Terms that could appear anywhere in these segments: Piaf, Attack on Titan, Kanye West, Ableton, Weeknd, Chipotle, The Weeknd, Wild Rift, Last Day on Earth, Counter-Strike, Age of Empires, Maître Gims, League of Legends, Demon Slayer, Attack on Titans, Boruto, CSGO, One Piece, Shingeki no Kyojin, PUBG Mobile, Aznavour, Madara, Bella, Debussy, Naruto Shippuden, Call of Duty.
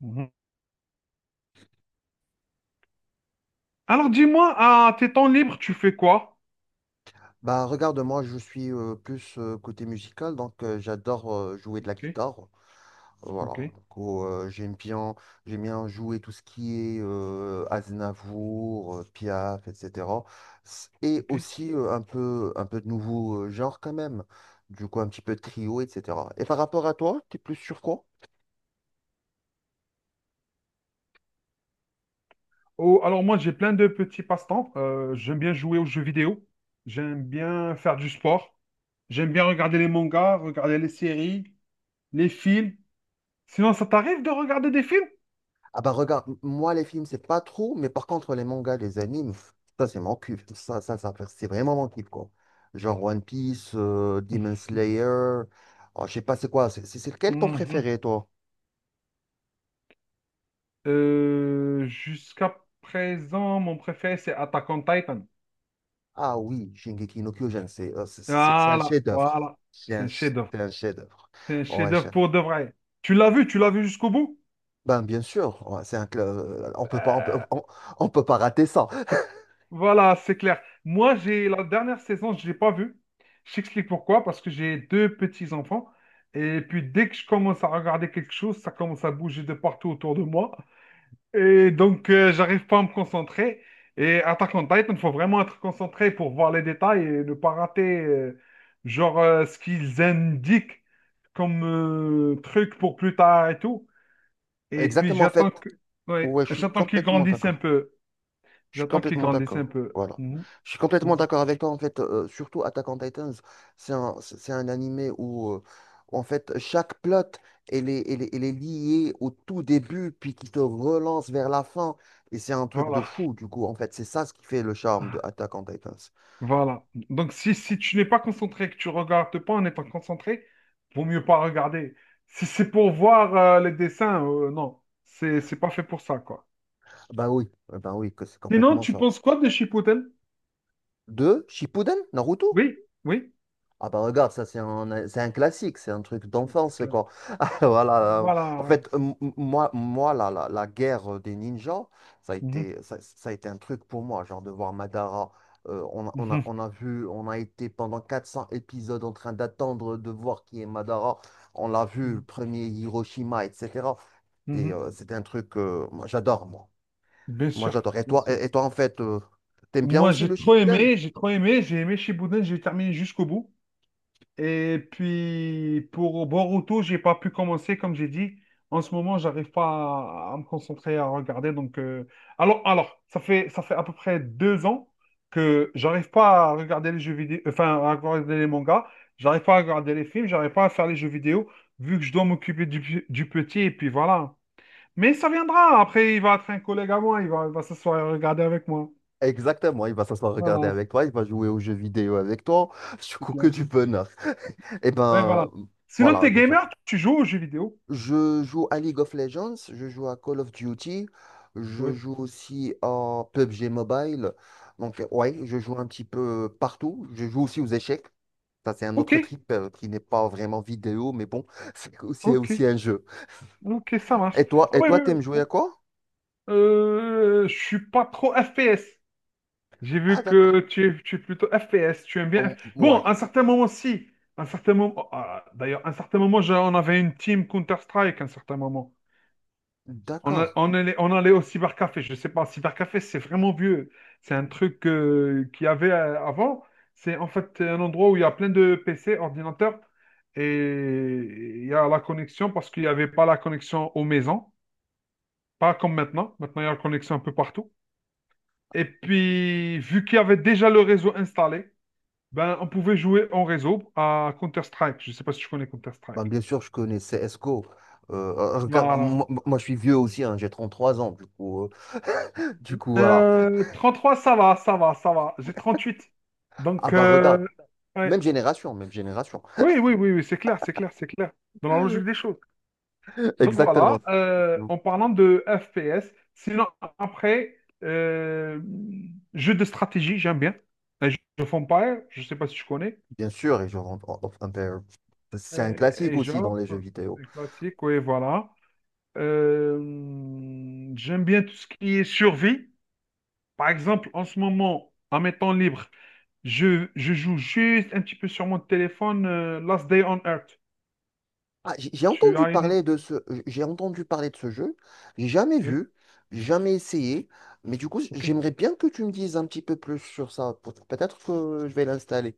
Mhm. Alors dis-moi, à tes temps libres, tu fais quoi? Bah, regarde, moi, je suis plus côté musical, donc j'adore jouer de la Ok, guitare. Voilà, ok, donc, oh, j'aime bien jouer tout ce qui est Aznavour, Piaf, etc. Et ok. aussi un peu de nouveau genre quand même, du coup un petit peu de trio, etc. Et par rapport à toi, t'es plus sur quoi? Oh, alors moi, j'ai plein de petits passe-temps. J'aime bien jouer aux jeux vidéo. J'aime bien faire du sport. J'aime bien regarder les mangas, regarder les séries, les films. Sinon, ça t'arrive de regarder des films? Ah, bah regarde, moi les films c'est pas trop, mais par contre les mangas, les animes, ça c'est mon kiff, ça c'est vraiment mon kiff quoi. Genre One Piece, Demon Slayer, oh, je sais pas c'est quoi, c'est lequel ton Mhm. préféré toi? Jusqu'à présent, mon préféré, c'est Attack on Titan. Ah oui, Shingeki no Kyojin, c'est un Voilà, chef-d'œuvre, voilà. C'est un chef-d'œuvre. c'est un chef-d'œuvre, C'est un ouais chef-d'œuvre chef. pour de vrai. Tu l'as vu jusqu'au bout? Ben bien sûr, ouais, c'est un on peut pas rater ça. Voilà, c'est clair. Moi, j'ai la dernière saison, je l'ai pas vue. Je t'explique pourquoi, parce que j'ai deux petits-enfants. Et puis, dès que je commence à regarder quelque chose, ça commence à bouger de partout autour de moi. Et donc, j'arrive pas à me concentrer. Et Attack on Titan, il faut vraiment être concentré pour voir les détails et ne pas rater, genre, ce qu'ils indiquent comme truc pour plus tard et tout. Et puis, Exactement en j'attends fait, que... ouais, ouais, je suis j'attends qu'ils complètement grandissent un d'accord. peu. Je suis J'attends qu'ils complètement grandissent un d'accord. peu. Voilà. Je suis complètement Mhm. d'accord avec toi. En fait, surtout Attack on Titans, c'est un animé où, en fait, chaque plot, elle est liée au tout début, puis qui te relance vers la fin. Et c'est un truc de Voilà. fou, du coup. En fait, c'est ça ce qui fait le charme de Attack on Titans. Voilà. Donc, si, si tu n'es pas concentré, que tu regardes pas en étant concentré, vaut mieux pas regarder. Si c'est pour voir les dessins, non. C'est pas fait pour ça, quoi. Bah oui, que c'est Sinon, complètement tu ça. penses quoi de Chipotle? De, Shippuden, Naruto? Oui, oui. Ah, bah regarde, c'est un classique, c'est un truc Ouais, c'est d'enfance, clair. quoi. Voilà. En Voilà. fait, moi la guerre des ninjas, ça a Mhm, été, ça, ça a été un truc pour moi, genre de voir Madara. Mhm, On a été pendant 400 épisodes en train d'attendre de voir qui est Madara. On l'a vu, le mhm, premier Hiroshima, etc. mhm. C'était un truc, moi, j'adore, moi. Bien Moi, sûr, j'adore. Et bien toi, sûr. et, et toi, en fait, t'aimes bien Moi, aussi j'ai le trop Shippuden? aimé, j'ai trop aimé, j'ai aimé Chipotle, j'ai terminé jusqu'au bout. Et puis, pour Boruto, j'ai pas pu commencer, comme j'ai dit. En ce moment, j'arrive pas à me concentrer à regarder. Donc, ça fait à peu près deux ans que j'arrive pas à regarder les jeux vidéo, enfin, à regarder les mangas. J'arrive pas à regarder les films. J'arrive pas à faire les jeux vidéo, vu que je dois m'occuper du petit. Et puis voilà. Mais ça viendra. Après, il va être un collègue à moi. Il va s'asseoir et regarder avec moi. Exactement, il va s'asseoir regarder Voilà, avec toi, il va jouer aux jeux vidéo avec toi, du c'est coup que clair. du bonheur. Et Ouais, voilà. ben Sinon, voilà t'es déjà. gamer, tu joues aux jeux vidéo. Je joue à League of Legends, je joue à Call of Duty, je Oui. joue aussi à PUBG Mobile. Donc, ouais, je joue un petit peu partout. Je joue aussi aux échecs. Ça, c'est un Ok. autre trip qui n'est pas vraiment vidéo, mais bon, c'est aussi, Ok, aussi un jeu. ok, ça marche. Et toi, Ah et ouais, toi, ouais, t'aimes ouais. jouer à quoi? Je suis pas trop FPS. J'ai Ah, vu d'accord. que tu es plutôt FPS, tu aimes bien. Bon, Ouais, à un certain moment, si. À un certain moment, oh, ah, d'ailleurs, à un certain moment, on avait une team Counter-Strike, à un certain moment. D'accord. On allait au cybercafé. Je sais pas, cybercafé, c'est vraiment vieux. C'est un truc qu'il y avait avant. C'est en fait un endroit où il y a plein de PC, ordinateurs, et il y a la connexion parce qu'il n'y avait pas la connexion aux maisons. Pas comme maintenant. Maintenant, il y a la connexion un peu partout. Et puis, vu qu'il y avait déjà le réseau installé, ben, on pouvait jouer en réseau à Counter-Strike. Je ne sais pas si tu connais Ben, Counter-Strike. bien sûr, je connais CSGO. Regarde, Voilà. moi, je suis vieux aussi, hein, j'ai 33 ans, du coup, du coup, voilà. 33, ça va, ça va, ça va. J'ai 38. Ah, Donc, bah, regarde, ouais. même génération, même génération. Oui, oui, oui, oui, c'est clair, c'est clair, c'est clair. Dans la logique des choses. Donc voilà, Exactement. En parlant de FPS, sinon après, euh, jeu de stratégie, j'aime bien. Age of Empires, je ne sais pas si tu connais. Bien sûr, et je rentre en- en- un peu- C'est un et, classique et aussi dans les jeux j'offre vidéo. les classiques, oui, voilà. Euh, J'aime bien tout ce qui est survie. Par exemple, en ce moment, en mes temps libres, je joue juste un petit peu sur mon téléphone Last Day on Earth. Ah, Tu as une... j'ai entendu parler de ce jeu. J'ai jamais Oui, vu, j'ai jamais essayé. Mais du coup, ok. j'aimerais bien que tu me dises un petit peu plus sur ça. Peut-être que je vais l'installer.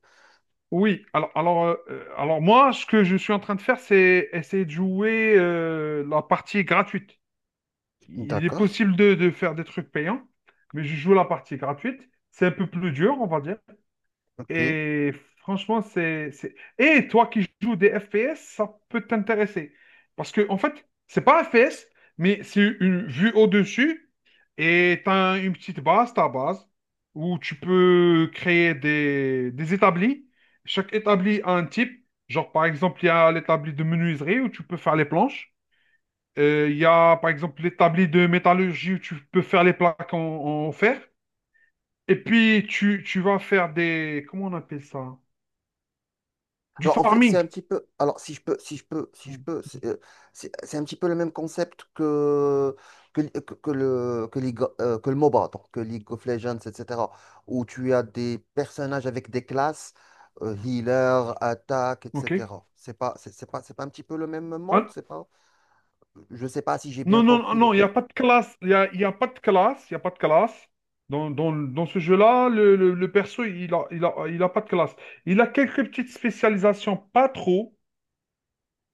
Oui, alors moi, ce que je suis en train de faire, c'est essayer de jouer la partie gratuite. Il est D'accord. possible de faire des trucs payants, mais je joue la partie gratuite. C'est un peu plus dur, on va dire. Ok. Et franchement, et toi qui joues des FPS, ça peut t'intéresser. Parce que, en fait, c'est pas FPS, mais c'est une vue au-dessus et t'as une petite base, ta base, où tu peux créer des établis. Chaque établi a un type. Genre, par exemple, il y a l'établi de menuiserie où tu peux faire les planches. Il y a, par exemple, l'établi de métallurgie où tu peux faire les plaques en, en fer. Et puis, tu vas faire des... Comment on appelle ça? Du Alors, en fait, c'est farming. un petit peu. Alors, si je peux, si je peux, si je peux, c'est un petit peu le même concept que que le MOBA, donc que League of Legends, etc. Où tu as des personnages avec des classes, healer, attaque, OK? etc. C'est pas un petit peu le même monde, Ah, c'est pas. Je sais pas si j'ai bien non, non, compris le non, il n'y a truc. pas de classe. Il y a pas de classe. Il y a pas de classe. Dans ce jeu-là, le perso, il a pas de classe. Il a quelques petites spécialisations, pas trop.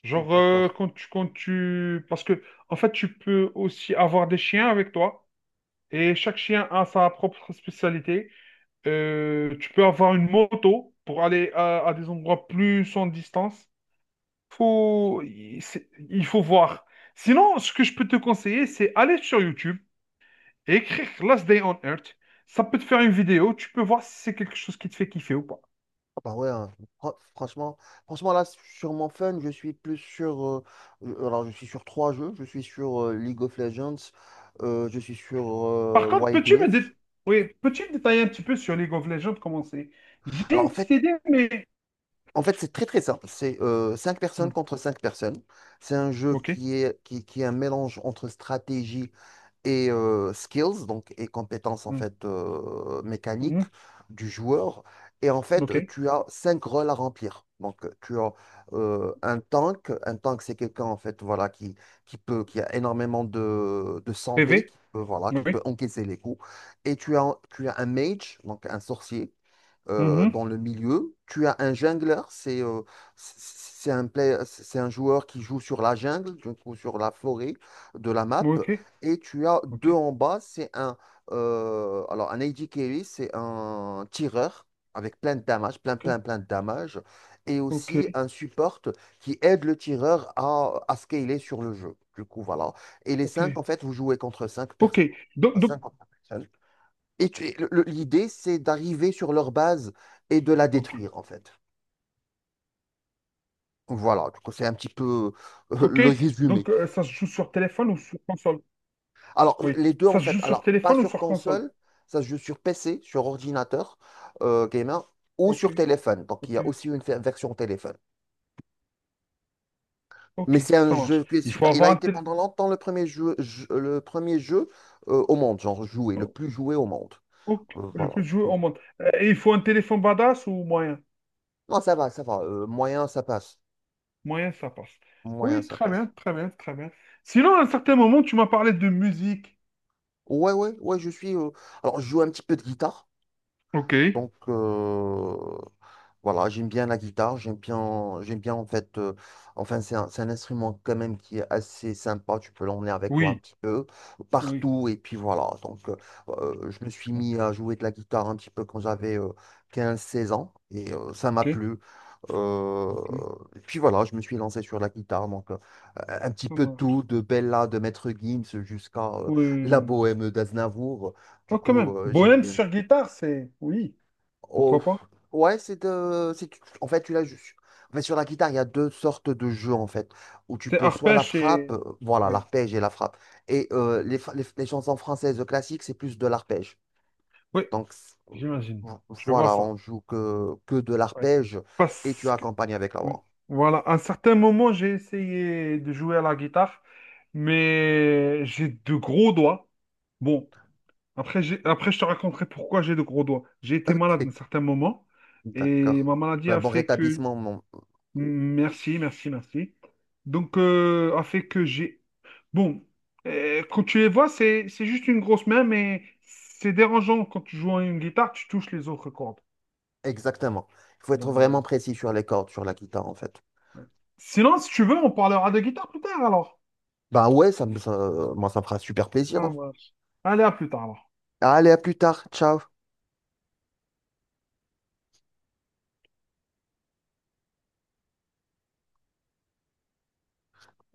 Genre, D'accord. Quand tu... Parce que, en fait, tu peux aussi avoir des chiens avec toi. Et chaque chien a sa propre spécialité. Tu peux avoir une moto pour aller à des endroits plus en distance. Il faut voir. Sinon, ce que je peux te conseiller, c'est aller sur YouTube et écrire Last Day on Earth. Ça peut te faire une vidéo, tu peux voir si c'est quelque chose qui te fait kiffer ou pas. Bah ouais, hein, fr- franchement, franchement là, sur mon fun, je suis plus sur... je- alors, je suis sur trois jeux. Je suis sur League of Legends, je suis sur Par contre, Wild Rift. oui, peux-tu me détailler un petit peu sur League of Legends, comment c'est? J'ai Alors, en une petite fait, idée, mais... en fait c'est très très simple. C'est cinq personnes Mm. contre cinq personnes. C'est un jeu Ok. qui est un mélange entre stratégie et skills, donc et compétences en Mm. fait mécaniques Mhm. du joueur. Et en fait, Ok. tu as cinq rôles à remplir. Donc, tu as un tank. Un tank, c'est quelqu'un en fait, voilà, qui a énormément de santé, PV? voilà, qui peut Oui. encaisser les coups. Et tu as un mage, donc un sorcier, Mhm. dans le milieu. Tu as un jongleur, c'est un joueur qui joue sur la jungle, du coup, sur la forêt de la map. Ok. Et tu as Ok. deux en bas, c'est un alors un AD carry, c'est un tireur avec plein de damage, plein Ok. plein plein de damage, et Ok. aussi un support qui aide le tireur à scaler sur le jeu. Du coup, voilà. Et les Ok. cinq, en fait, vous jouez contre cinq personnes. Ok. Donc... Et l'idée, c'est d'arriver sur leur base et de la Ok. détruire, en fait. Voilà, donc c'est un petit peu Ok. le résumé. Donc, ça se joue sur téléphone ou sur console? Alors, Oui. les deux, Ça en se fait, joue sur alors, pas téléphone ou sur sur console? console, ça se joue sur PC, sur ordinateur gamer, ou Ok, sur téléphone. Donc, il y ok, a aussi une version téléphone. Mais ok, c'est un ça marche. jeu qui est Il faut super. Il avoir a un été téléphone. pendant longtemps le premier jeu, le premier jeu au monde, genre joué, le plus joué au monde. Euh, Le voilà, plus du joué coup. au monde. Et il faut un téléphone badass ou moyen? Non, ça va, ça va. Moyen, ça passe. Moyen, ça passe. Moyen, Oui, ça très bien, passe. très bien, très bien. Sinon, à un certain moment, tu m'as parlé de musique. Ouais, ouais, ouais, je suis. Alors, je joue un petit peu de guitare. Ok, Donc, voilà, j'aime bien la guitare, j'aime bien en fait, enfin, c'est un instrument quand même qui est assez sympa, tu peux l'emmener avec toi un oui, petit peu oui. partout, et puis voilà. Donc, je me suis mis à jouer de la guitare un petit peu quand j'avais 15, 16 ans, et ça m'a Ok, plu. Euh, ok, et puis voilà, je me suis lancé sur la guitare, donc un petit ça peu marche. tout, de Bella, de Maître Gims jusqu'à la Oui. bohème d'Aznavour. Du Oh, quand coup, même. J'aime Bohème bien. sur guitare, c'est. Oui, Oh, pourquoi pas? ouais, En fait, tu l'as juste. En fait, sur la guitare, il y a deux sortes de jeux, en fait, où tu C'est peux soit la arpège frappe, et. Voilà, Oui, l'arpège et la frappe. Et les chansons françaises classiques, c'est plus de l'arpège. oui, Donc, c'est- euh, j'imagine. vo- Je vois voilà, ça. on joue que de Ouais. l'arpège et tu Parce que. accompagnes avec la Oui. voix. Voilà, à un certain moment, j'ai essayé de jouer à la guitare, mais j'ai de gros doigts. Bon, après, après je te raconterai pourquoi j'ai de gros doigts. J'ai été Ok, malade à un certain moment et ma d'accord. maladie Bah, a bon fait que... rétablissement, Merci, merci, merci. Donc, a fait que j'ai... Bon, quand tu les vois, c'est juste une grosse main, mais c'est dérangeant quand tu joues à une guitare, tu touches les autres cordes. exactement. Il faut Donc, être voilà. vraiment précis sur les cordes, sur la guitare, en fait. Ouais. Sinon, si tu veux, on parlera de guitare plus tard, alors. Bah ouais, moi, ça me fera super plaisir, Ah, hein. moi. Allez, à plus tard. Alors. Allez, à plus tard. Ciao.